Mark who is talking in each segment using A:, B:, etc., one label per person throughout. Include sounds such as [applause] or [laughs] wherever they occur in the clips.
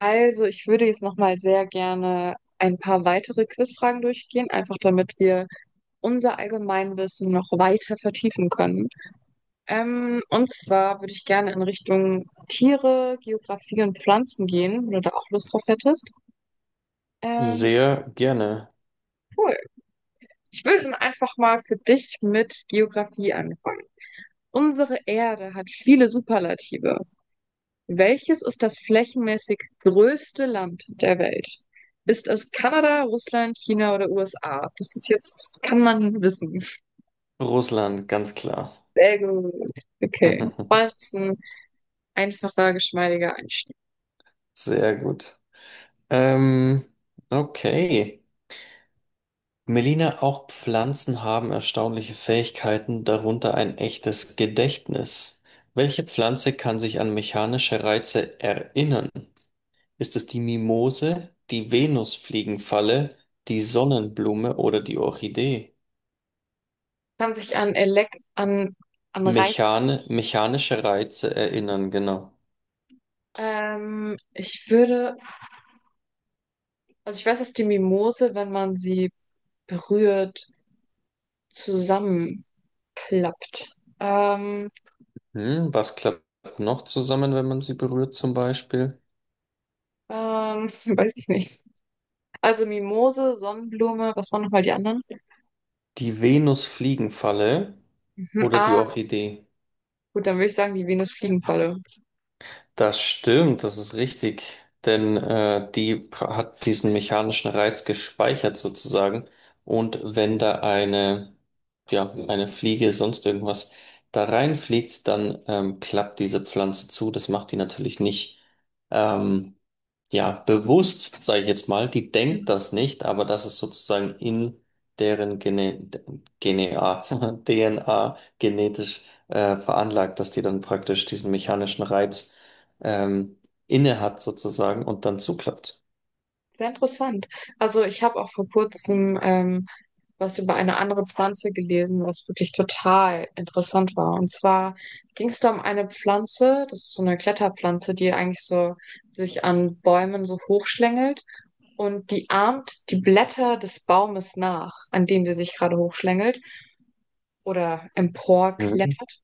A: Also, ich würde jetzt nochmal sehr gerne ein paar weitere Quizfragen durchgehen, einfach damit wir unser Allgemeinwissen noch weiter vertiefen können. Und zwar würde ich gerne in Richtung Tiere, Geografie und Pflanzen gehen, wenn du da auch Lust drauf hättest. Ähm,
B: Sehr gerne.
A: cool. Ich würde dann einfach mal für dich mit Geografie anfangen. Unsere Erde hat viele Superlative. Welches ist das flächenmäßig größte Land der Welt? Ist es Kanada, Russland, China oder USA? Das ist jetzt, das kann man wissen.
B: Russland, ganz klar.
A: Sehr gut. Okay. Das war
B: [laughs]
A: jetzt ein einfacher, geschmeidiger Einstieg.
B: Sehr gut. Ähm, okay. Melina, auch Pflanzen haben erstaunliche Fähigkeiten, darunter ein echtes Gedächtnis. Welche Pflanze kann sich an mechanische Reize erinnern? Ist es die Mimose, die Venusfliegenfalle, die Sonnenblume oder die Orchidee?
A: Kann sich an Elek an, an Reiz.
B: Mechane, mechanische Reize erinnern, genau.
A: Ich würde, also ich weiß, dass die Mimose, wenn man sie berührt, zusammenklappt. Ähm,
B: Hm, was klappt noch zusammen, wenn man sie berührt, zum Beispiel?
A: ähm, [laughs] weiß ich nicht. Also Mimose, Sonnenblume, was waren nochmal die anderen?
B: Die Venusfliegenfalle
A: Mhm.
B: oder die
A: Ah,
B: Orchidee?
A: gut, dann würde ich sagen, die Venusfliegenfalle.
B: Das stimmt, das ist richtig. Denn hat diesen mechanischen Reiz gespeichert sozusagen. Und wenn da eine, ja, eine Fliege, sonst irgendwas da reinfliegt, dann klappt diese Pflanze zu. Das macht die natürlich nicht, ähm, ja, bewusst, sage ich jetzt mal. Die denkt
A: Mhm.
B: das nicht, aber das ist sozusagen in deren Genea, DNA [laughs] genetisch veranlagt, dass die dann praktisch diesen mechanischen Reiz ähm, inne hat sozusagen und dann zuklappt.
A: Sehr interessant. Also ich habe auch vor kurzem was über eine andere Pflanze gelesen, was wirklich total interessant war. Und zwar ging es da um eine Pflanze, das ist so eine Kletterpflanze, die eigentlich so sich an Bäumen so hochschlängelt und die ahmt die Blätter des Baumes nach, an dem sie sich gerade hochschlängelt oder
B: Mhm.
A: emporklettert.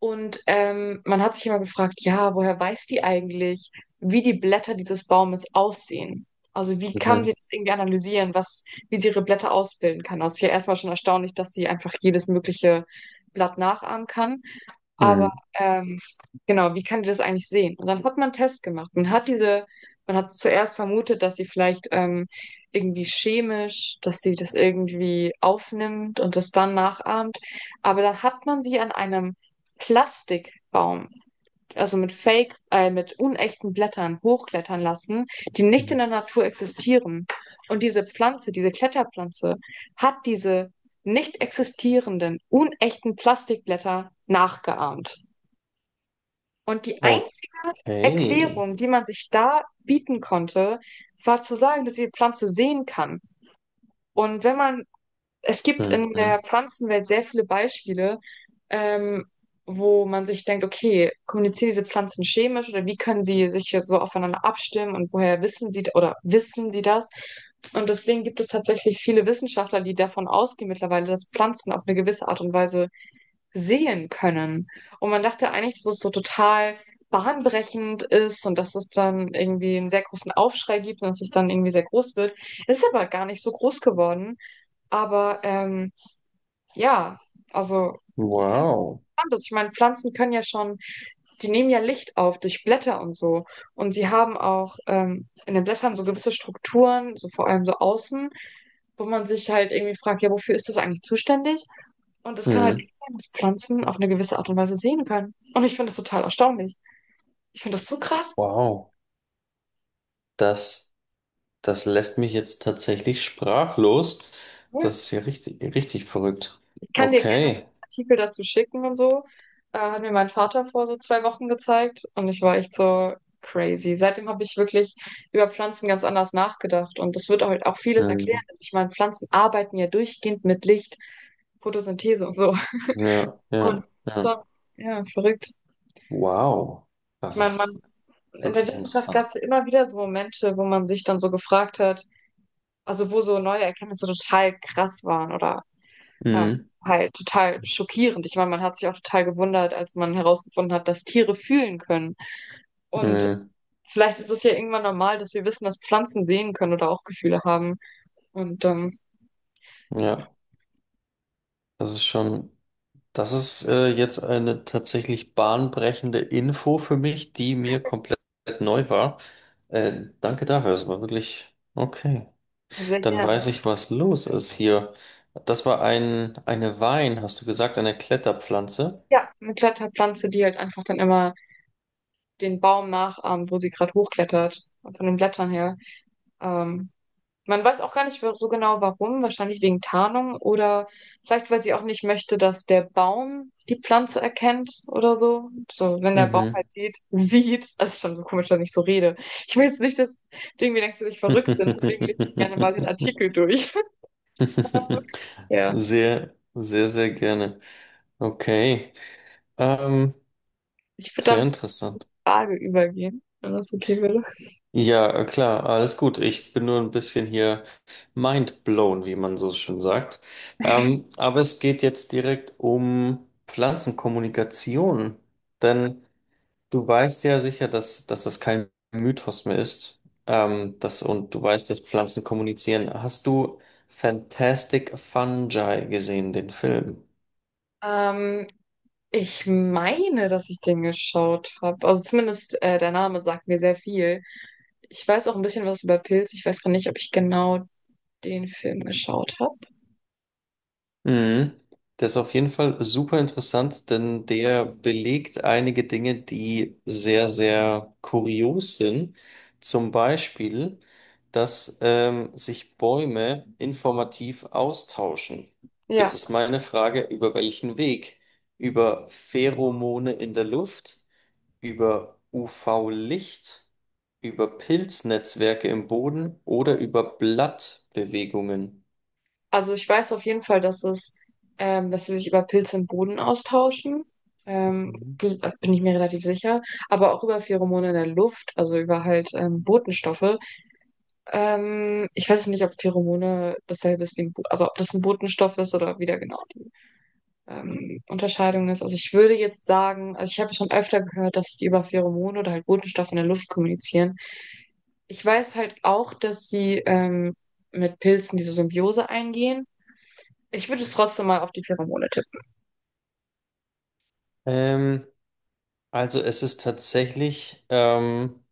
A: Und man hat sich immer gefragt, ja, woher weiß die eigentlich, wie die Blätter dieses Baumes aussehen? Also wie kann
B: Mhm.
A: sie das irgendwie analysieren, was, wie sie ihre Blätter ausbilden kann? Das ist ja erstmal schon erstaunlich, dass sie einfach jedes mögliche Blatt nachahmen kann. Aber
B: Mhm.
A: ähm, genau, wie kann die das eigentlich sehen? Und dann hat man einen Test gemacht. Man hat zuerst vermutet, dass sie vielleicht irgendwie chemisch, dass sie das irgendwie aufnimmt und das dann nachahmt. Aber dann hat man sie an einem Plastikbaum also mit Fake, mit unechten Blättern hochklettern lassen, die nicht
B: Mhm.
A: in der Natur existieren. Und diese Pflanze, diese Kletterpflanze, hat diese nicht existierenden, unechten Plastikblätter nachgeahmt. Und die einzige
B: Okay.
A: Erklärung, die man sich da bieten konnte, war zu sagen, dass die Pflanze sehen kann. Und wenn man es gibt in der
B: Mhm.
A: Pflanzenwelt sehr viele Beispiele, ähm, wo man sich denkt, okay, kommunizieren diese Pflanzen chemisch oder wie können sie sich hier so aufeinander abstimmen und woher wissen sie oder wissen sie das? Und deswegen gibt es tatsächlich viele Wissenschaftler, die davon ausgehen mittlerweile, dass Pflanzen auf eine gewisse Art und Weise sehen können. Und man dachte eigentlich, dass es so total bahnbrechend ist und dass es dann irgendwie einen sehr großen Aufschrei gibt und dass es dann irgendwie sehr groß wird. Ist aber gar nicht so groß geworden. Aber ja, also ich finde es
B: Wow.
A: interessant, dass ich meine, Pflanzen können ja schon, die nehmen ja Licht auf durch Blätter und so. Und sie haben auch in den Blättern so gewisse Strukturen, so vor allem so außen, wo man sich halt irgendwie fragt, ja, wofür ist das eigentlich zuständig? Und es kann halt
B: Mhm.
A: echt sein, dass Pflanzen auf eine gewisse Art und Weise sehen können. Und ich finde das total erstaunlich. Ich finde das so krass.
B: Wow. Das, das lässt mich jetzt tatsächlich sprachlos. Das
A: Ja.
B: ist ja richtig, richtig verrückt.
A: Kann dir gerne einen
B: Okay.
A: Artikel dazu schicken und so. Hat mir mein Vater vor so zwei Wochen gezeigt und ich war echt so crazy. Seitdem habe ich wirklich über Pflanzen ganz anders nachgedacht und das wird halt auch vieles erklären.
B: Mhm.
A: Also ich meine, Pflanzen arbeiten ja durchgehend mit Licht, Photosynthese und so.
B: Ja,
A: Und
B: ja, ja.
A: schon, ja, verrückt.
B: Wow.
A: Ich
B: Das
A: meine,
B: ist
A: man, in der
B: wirklich
A: Wissenschaft gab
B: interessant.
A: es ja immer wieder so Momente, wo man sich dann so gefragt hat, also wo so neue Erkenntnisse total krass waren oder Ähm,
B: Mhm.
A: halt total schockierend. Ich meine, man hat sich auch total gewundert, als man herausgefunden hat, dass Tiere fühlen können. Und
B: Mhm.
A: vielleicht ist es ja irgendwann normal, dass wir wissen, dass Pflanzen sehen können oder auch Gefühle haben. Und
B: Ja, das ist schon. Das ist jetzt eine tatsächlich bahnbrechende Info für mich, die mir komplett neu war. Danke dafür, das war wirklich okay.
A: sehr
B: Dann weiß
A: gern.
B: ich, was los ist hier. Das war eine Wein, hast du gesagt, eine Kletterpflanze.
A: Ja, eine Kletterpflanze, die halt einfach dann immer den Baum nachahmt, wo sie gerade hochklettert, von den Blättern her. Ähm, Man weiß auch gar nicht so genau warum, wahrscheinlich wegen Tarnung oder vielleicht, weil sie auch nicht möchte, dass der Baum die Pflanze erkennt oder so. So, wenn der Baum
B: Mhm.
A: halt sieht, das ist schon so komisch, wenn ich so rede. Ich will jetzt nicht, dass du irgendwie denkst, dass ich verrückt bin, deswegen lese ich gerne mal den
B: [laughs]
A: Artikel durch. [laughs] Ja.
B: Sehr, sehr, sehr gerne. Okay. Ähm,
A: Ich würde dann
B: sehr
A: zur
B: interessant.
A: Frage übergehen, wenn das okay wäre.
B: Ja, klar, alles gut. Ich bin nur ein bisschen hier mind blown, wie man so schön sagt. Aber es geht jetzt direkt um Pflanzenkommunikation. Denn du weißt ja sicher, dass das kein Mythos mehr ist. Und du weißt, dass Pflanzen kommunizieren. Hast du Fantastic Fungi gesehen, den Film?
A: Ähm, Ich meine, dass ich den geschaut habe. Also zumindest der Name sagt mir sehr viel. Ich weiß auch ein bisschen was über Pilze. Ich weiß gar nicht, ob ich genau den Film geschaut habe.
B: Mhm. Der ist auf jeden Fall super interessant, denn der belegt einige Dinge, die sehr, sehr kurios sind. Zum Beispiel, dass sich Bäume informativ austauschen.
A: Ja,
B: Jetzt ist meine Frage, über welchen Weg? Über Pheromone in der Luft, über UV-Licht, über Pilznetzwerke im Boden oder über Blattbewegungen?
A: also ich weiß auf jeden Fall, dass es, dass sie sich über Pilze im Boden austauschen. Ähm,
B: Mhm.
A: bin ich mir relativ sicher. Aber auch über Pheromone in der Luft, also über halt Botenstoffe. Ich weiß nicht, ob Pheromone dasselbe ist wie ein, Bo also ob das ein Botenstoff ist oder wieder genau die Unterscheidung ist. Also ich würde jetzt sagen, also ich habe schon öfter gehört, dass die über Pheromone oder halt Botenstoffe in der Luft kommunizieren. Ich weiß halt auch, dass sie mit Pilzen diese Symbiose eingehen. Ich würde es trotzdem mal auf die Pheromone tippen.
B: Ähm, Also es ist tatsächlich,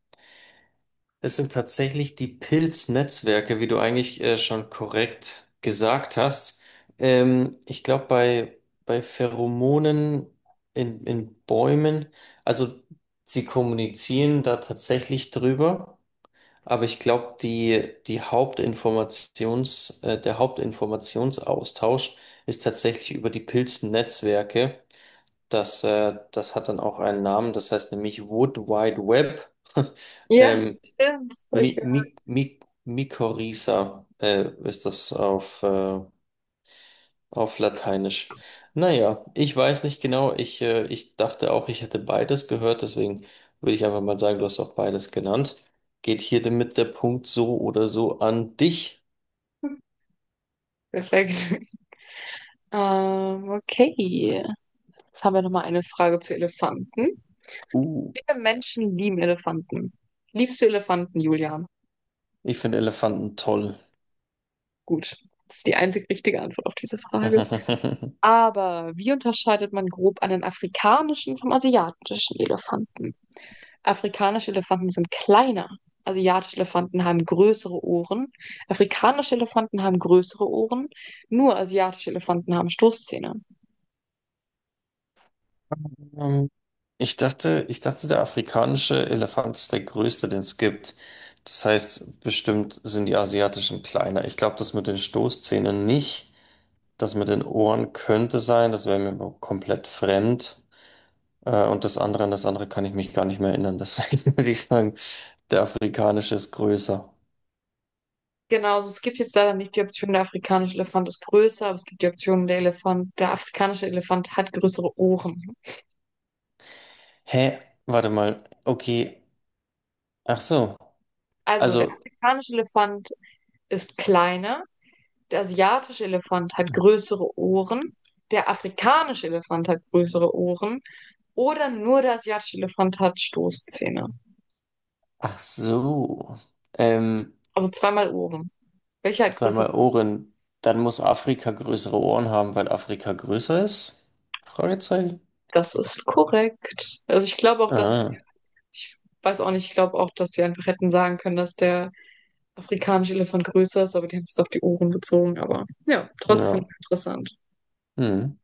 B: es sind tatsächlich die Pilznetzwerke, wie du eigentlich schon korrekt gesagt hast. Ich glaube, bei Pheromonen in Bäumen, also sie kommunizieren da tatsächlich drüber, aber ich glaube, die der Hauptinformationsaustausch ist tatsächlich über die Pilznetzwerke. Das hat dann auch einen Namen, das heißt nämlich Wood Wide Web. [laughs]
A: Ja,
B: ähm,
A: stimmt. Hab ich
B: Mi
A: gehört.
B: Mi Mi Mykorrhiza ist das auf Lateinisch. Naja, ich weiß nicht genau. Ich dachte auch, ich hätte beides gehört, deswegen würde ich einfach mal sagen, du hast auch beides genannt. Geht hier damit der Punkt so oder so an dich?
A: Perfekt. [laughs] Okay. Jetzt haben wir nochmal eine Frage zu Elefanten.
B: Uh,
A: Viele Menschen lieben Elefanten. Liebst du Elefanten, Julian?
B: ich finde Elefanten toll.
A: Gut. Das ist die einzig richtige Antwort auf diese Frage.
B: [laughs]
A: Aber wie unterscheidet man grob einen afrikanischen vom asiatischen Elefanten? Afrikanische Elefanten sind kleiner. Asiatische Elefanten haben größere Ohren. Afrikanische Elefanten haben größere Ohren. Nur asiatische Elefanten haben Stoßzähne.
B: Ähm, ich dachte, der afrikanische Elefant ist der größte, den es gibt. Das heißt, bestimmt sind die asiatischen kleiner. Ich glaube, das mit den Stoßzähnen nicht. Das mit den Ohren könnte sein. Das wäre mir aber komplett fremd. Und das andere, an das andere kann ich mich gar nicht mehr erinnern. [laughs] Deswegen würde ich sagen, der afrikanische ist größer.
A: Genau, also es gibt jetzt leider nicht die Option, der afrikanische Elefant ist größer, aber es gibt die Option, der Elefant, der afrikanische Elefant hat größere Ohren.
B: Hä? Warte mal. Okay. Ach so.
A: Also der
B: Also,
A: afrikanische Elefant ist kleiner, der asiatische Elefant hat größere Ohren, der afrikanische Elefant hat größere Ohren oder nur der asiatische Elefant hat Stoßzähne.
B: ach so. Ähm.
A: Also zweimal oben. Welcher hat größere
B: Zweimal
A: Ohren?
B: Ohren. Dann muss Afrika größere Ohren haben, weil Afrika größer ist? Fragezeichen.
A: Das ist korrekt. Also ich glaube auch, dass,
B: Ah,
A: ich weiß auch nicht, ich glaube auch, dass sie einfach hätten sagen können, dass der afrikanische Elefant größer ist, aber die haben es jetzt auf die Ohren bezogen. Aber ja, trotzdem
B: ja.
A: interessant.
B: Hm.